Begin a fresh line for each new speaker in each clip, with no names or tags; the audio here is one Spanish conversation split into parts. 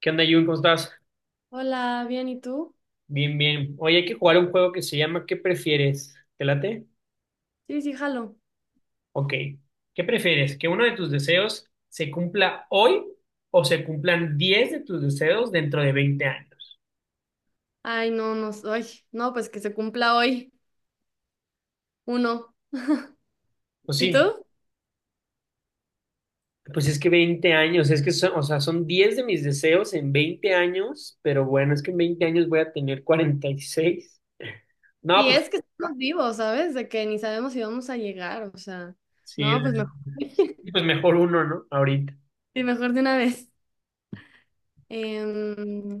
¿Qué onda, Jun? ¿Cómo estás?
Hola, bien, ¿y tú?
Bien, bien. Hoy hay que jugar un juego que se llama ¿qué prefieres? ¿Te late?
Sí, sí, jalo.
Ok. ¿Qué prefieres? ¿Que uno de tus deseos se cumpla hoy o se cumplan 10 de tus deseos dentro de 20 años?
Ay, no, no, soy. No, pues que se cumpla hoy uno.
Pues
¿Y
sí,
tú?
pues es que 20 años, es que son, o sea, son 10 de mis deseos en 20 años, pero bueno, es que en 20 años voy a tener 46. No,
Y
pues
es que estamos vivos, ¿sabes? De que ni sabemos si vamos a llegar, o sea,
sí,
no, pues mejor.
pues mejor uno, ¿no? Ahorita.
Sí, mejor de una vez.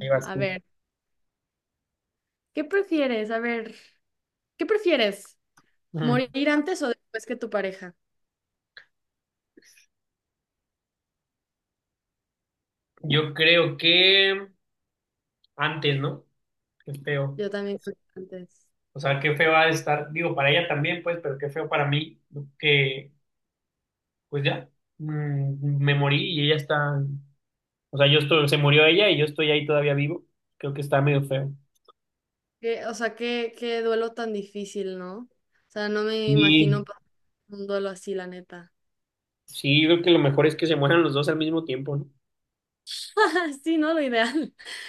Ahí vas
A
tú.
ver, ¿qué prefieres? A ver, ¿qué prefieres?
Ujú.
¿Morir antes o después que tu pareja?
Yo creo que antes, ¿no? Que Es peor.
Yo también creo que antes.
O sea, qué feo va a estar, digo, para ella también, pues, pero qué feo para mí, que, pues ya, me morí y ella está, o sea, yo estoy, se murió ella y yo estoy ahí todavía vivo. Creo que está medio feo.
Que, o sea, qué, qué duelo tan difícil, ¿no? O sea, no me imagino
Y
pasar un duelo así, la neta.
sí, yo creo que lo mejor es que se mueran los dos al mismo tiempo, ¿no?
Sí, no, lo ideal.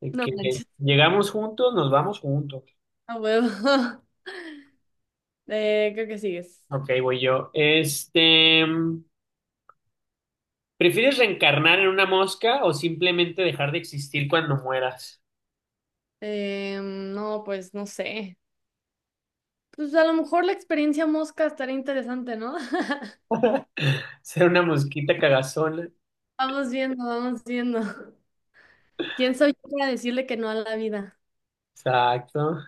De
No
Que
manches.
llegamos juntos, nos vamos juntos.
A huevo. Creo que sigues.
Ok, voy yo. Este, ¿prefieres reencarnar en una mosca o simplemente dejar de existir cuando mueras?
No, pues no sé. Pues a lo mejor la experiencia mosca estaría interesante, ¿no?
Ser una mosquita cagazona.
Vamos viendo, vamos viendo. ¿Quién soy yo para decirle que no a la vida?
Exacto.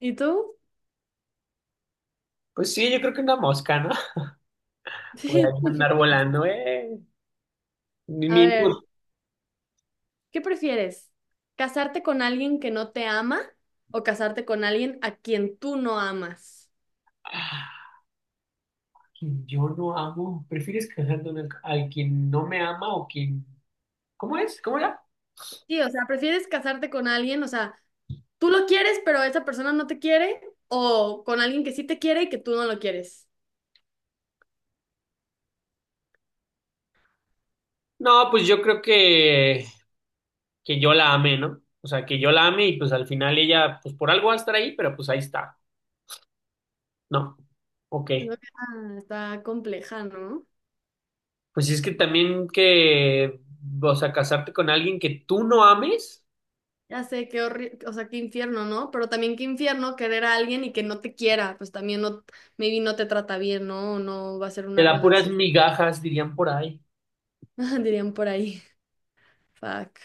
¿Y tú?
Pues sí, yo creo que una mosca, ¿no? Por ahí andar volando, ¿eh?
A
Mínimo.
ver, ¿qué prefieres? ¿Casarte con alguien que no te ama o casarte con alguien a quien tú no amas?
Ah, quien yo no amo. ¿Prefieres casarte con el- al quien no me ama o quien... ¿Cómo es? ¿Cómo era?
Sí, o sea, ¿prefieres casarte con alguien? O sea, tú lo quieres, pero esa persona no te quiere, o con alguien que sí te quiere y que tú no lo quieres.
No, pues yo creo que yo la amé, ¿no? O sea, que yo la amé y pues al final ella, pues por algo va a estar ahí, pero pues ahí está, ¿no? Ok.
Siento que, ah, está compleja, ¿no?
Pues es que también que, o sea, casarte con alguien que tú no ames,
Ya sé qué horrible, o sea, qué infierno, ¿no? Pero también qué infierno querer a alguien y que no te quiera, pues también no, maybe no te trata bien, ¿no? O no va a ser
te
una
da puras
relación,
migajas, dirían por ahí.
dirían por ahí. Fuck.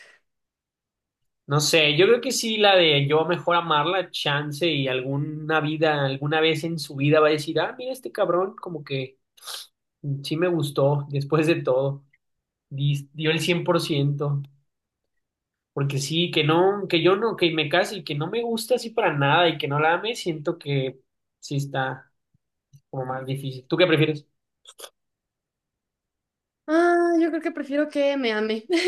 No sé, yo creo que sí, la de yo mejor amarla, chance y alguna vida, alguna vez en su vida va a decir, ah, mira este cabrón, como que sí me gustó después de todo, dio el 100% porque sí, que no, que yo no, que me case y que no me gusta así para nada y que no la ame, siento que sí está como más difícil. ¿Tú qué prefieres?
Ah, yo creo que prefiero que me ame,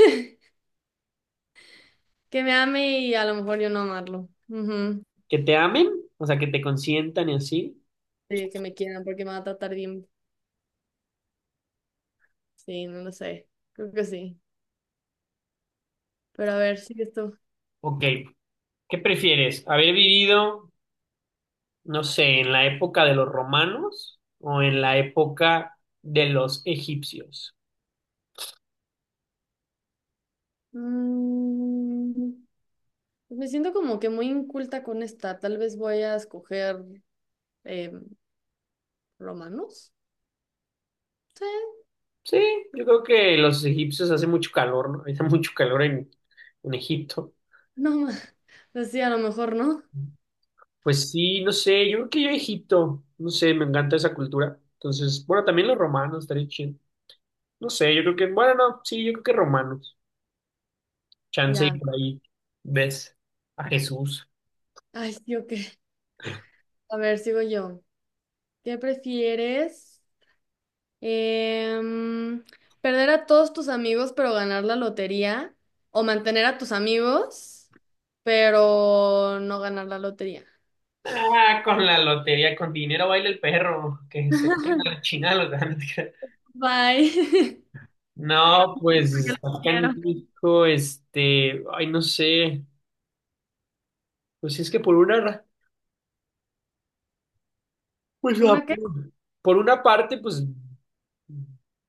que me ame y a lo mejor yo no amarlo. Ujú.
¿Que te amen? O sea, que te consientan y así.
Sí, que me quieran porque me va a tratar bien. Sí, no lo sé. Creo que sí. Pero a ver, sigues tú.
Ok, ¿qué prefieres? ¿Haber vivido no sé, en la época de los romanos o en la época de los egipcios?
Mm, pues, me siento como que muy inculta con esta. Tal vez voy a escoger em, romanos. Sí,
Sí, yo creo que los egipcios hace mucho calor, ¿no? Hace mucho calor en Egipto.
no más. Sí, a lo mejor no.
Pues sí, no sé, yo creo que yo Egipto, no sé, me encanta esa cultura. Entonces, bueno, también los romanos, estaría chido. No sé, yo creo que, bueno, no, sí, yo creo que romanos. Chance y
Ya.
por ahí ves a Jesús.
Ay, sí, ok. A ver, sigo yo. ¿Qué prefieres? Em, ¿Perder a todos tus amigos pero ganar la lotería? ¿O mantener a tus amigos pero no ganar la lotería?
Ah, con la lotería, con dinero baila el perro, que se cuelga la chingada los ganas.
Bye.
No,
Porque los
pues acá en
quiero.
México, este, ay, no sé, pues es que por una,
¿Una qué?
por una parte, pues,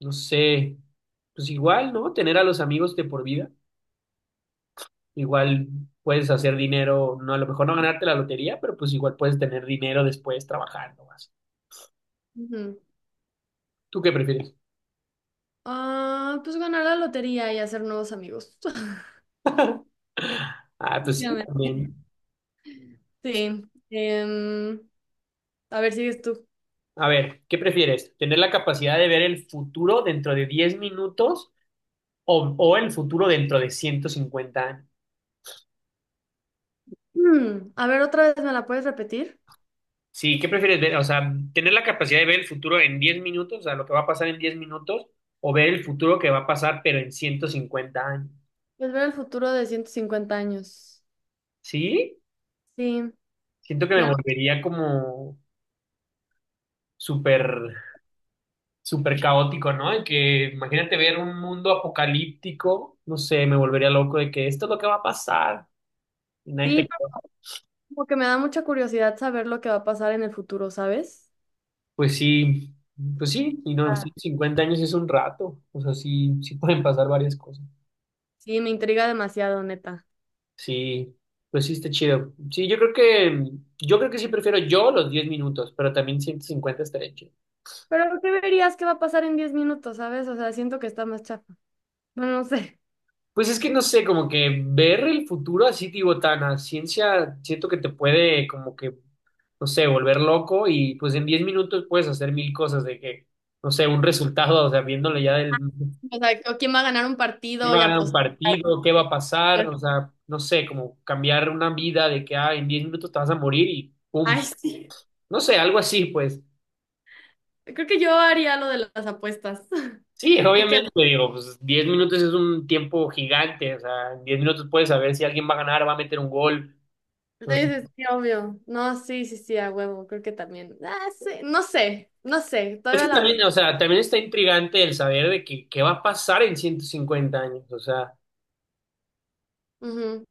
no sé, pues igual, ¿no? Tener a los amigos de por vida, igual puedes hacer dinero, no, a lo mejor no ganarte la lotería, pero pues igual puedes tener dinero después trabajando más.
Ujú.
¿Tú qué prefieres?
Ah, pues ganar la lotería y hacer nuevos amigos.
Ah, pues sí,
Definitivamente.
también.
Sí. Em, a ver, sigues tú.
A ver, ¿qué prefieres? ¿Tener la capacidad de ver el futuro dentro de 10 minutos o el futuro dentro de 150 años?
A ver, otra vez, ¿me la puedes repetir?
Sí, ¿qué prefieres ver? O sea, tener la capacidad de ver el futuro en 10 minutos, o sea, lo que va a pasar en 10 minutos, o ver el futuro que va a pasar, pero en 150 años.
Pues ver el futuro de 150 años.
¿Sí?
Sí.
Siento que
me
me
da-
volvería como súper, súper caótico, ¿no? En que imagínate ver un mundo apocalíptico, no sé, me volvería loco de que esto es lo que va a pasar. Y nadie
Sí,
te-
pero como que me da mucha curiosidad saber lo que va a pasar en el futuro, ¿sabes?
Pues sí, pues sí, y no,
Ah.
sí, 50 años es un rato, o sea, sí, sí pueden pasar varias cosas.
Sí, me intriga demasiado, neta.
Sí, pues sí está chido. Sí, yo creo que sí prefiero yo los 10 minutos, pero también 150 estaría chido.
Pero ¿qué verías que va a pasar en 10 minutos? ¿Sabes? O sea, siento que está más chafa. Bueno, no sé.
Pues es que no sé, como que ver el futuro así, digo, tan a ciencia, siento que te puede como que, no sé, volver loco y pues en 10 minutos puedes hacer mil cosas de que, no sé, un resultado, o sea, viéndole ya del,
O sea, ¿o quién va a ganar un
quién
partido
va a
y
ganar un
apostar?
partido, qué va a pasar, o sea, no sé, como cambiar una vida de que, ah, en 10 minutos te vas a morir y
Ay,
pum,
sí.
no sé, algo así, pues.
Creo que yo haría lo de las apuestas.
Sí,
De que
obviamente, digo, pues 10 minutos es un tiempo gigante, o sea, en 10 minutos puedes saber si alguien va a ganar, va a meter un gol.
sí,
Entonces,
sí, sí, obvio. No, sí, sí, sí, a huevo. Creo que también. Ah, sí. No sé, no sé.
es que
Todavía la duda.
también, o sea, también está intrigante el saber de que, qué va a pasar en 150 años, o sea,
Ujú.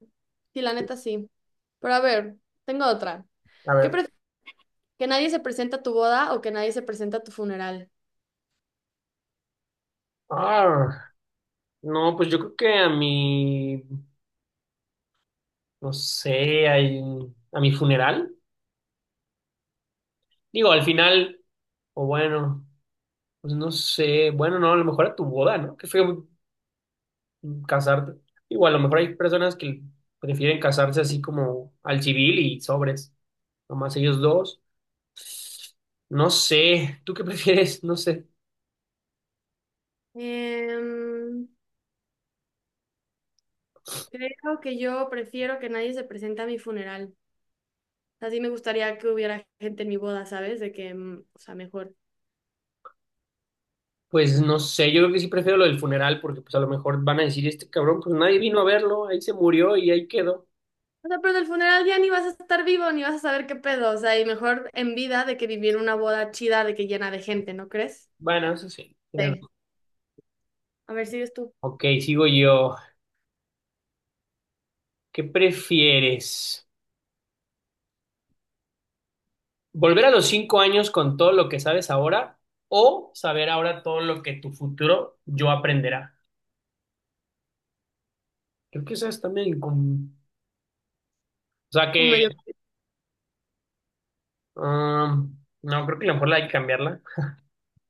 Sí, la neta sí. Pero a ver, tengo otra.
a
¿Qué
ver.
prefieres? ¿Que nadie se presenta a tu boda o que nadie se presenta a tu funeral?
Ah, no, pues yo creo que a mi, no sé, a mi funeral, digo, al final, o bueno, pues no sé, bueno, no, a lo mejor a tu boda, ¿no? Que fue casarte. Igual, a lo mejor hay personas que prefieren casarse así como al civil y sobres, nomás ellos dos. No sé, ¿tú qué prefieres? No sé.
Em, Creo que yo prefiero que nadie se presente a mi funeral. Así me gustaría que hubiera gente en mi boda, ¿sabes? De que, o sea, mejor.
Pues no sé, yo creo que sí prefiero lo del funeral porque pues a lo mejor van a decir, este cabrón, pues nadie vino a verlo, ahí se murió y ahí quedó.
O sea, pero en el funeral ya ni vas a estar vivo, ni vas a saber qué pedo. O sea, y mejor en vida de que vivir una boda chida de que llena de gente, ¿no crees?
Bueno, eso sí, tienes
Sí.
razón.
A ver, sigues tú.
Ok, sigo yo. ¿Qué prefieres? ¿Volver a los 5 años con todo lo que sabes ahora o saber ahora todo lo que tu futuro yo aprenderá? Creo que eso es también como... O sea,
Como
que
medio.
Um, no, creo que a lo mejor la hay que cambiarla.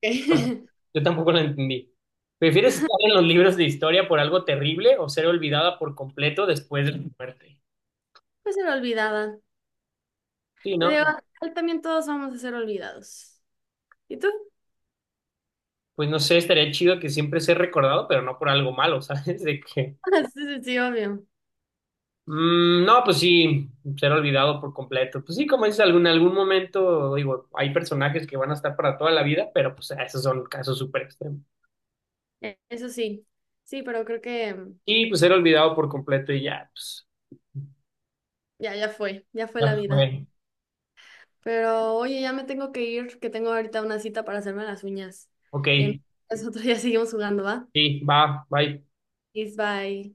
Yo tampoco la entendí. ¿Prefieres estar en los libros de historia por algo terrible o ser olvidada por completo después de tu muerte?
Pues ser olvidada.
Sí,
Te digo,
¿no?
final también todos vamos a ser olvidados. ¿Y tú?
Pues no sé, estaría chido que siempre sea recordado, pero no por algo malo, ¿sabes? De que,
Sí, sí, sí, obvio.
no, pues sí, ser olvidado por completo. Pues sí, como dices, algún, en algún momento, digo, hay personajes que van a estar para toda la vida, pero pues esos son casos súper extremos.
Eso sí. Sí, pero creo que
Y pues ser olvidado por completo y ya, pues,
ya, ya fue. Ya fue
ya
la vida.
fue.
Pero oye, ya me tengo que ir, que tengo ahorita una cita para hacerme las uñas.
Ok.
Em, Nosotros ya seguimos jugando, ¿va?
Sí, va, bye.
Peace, bye.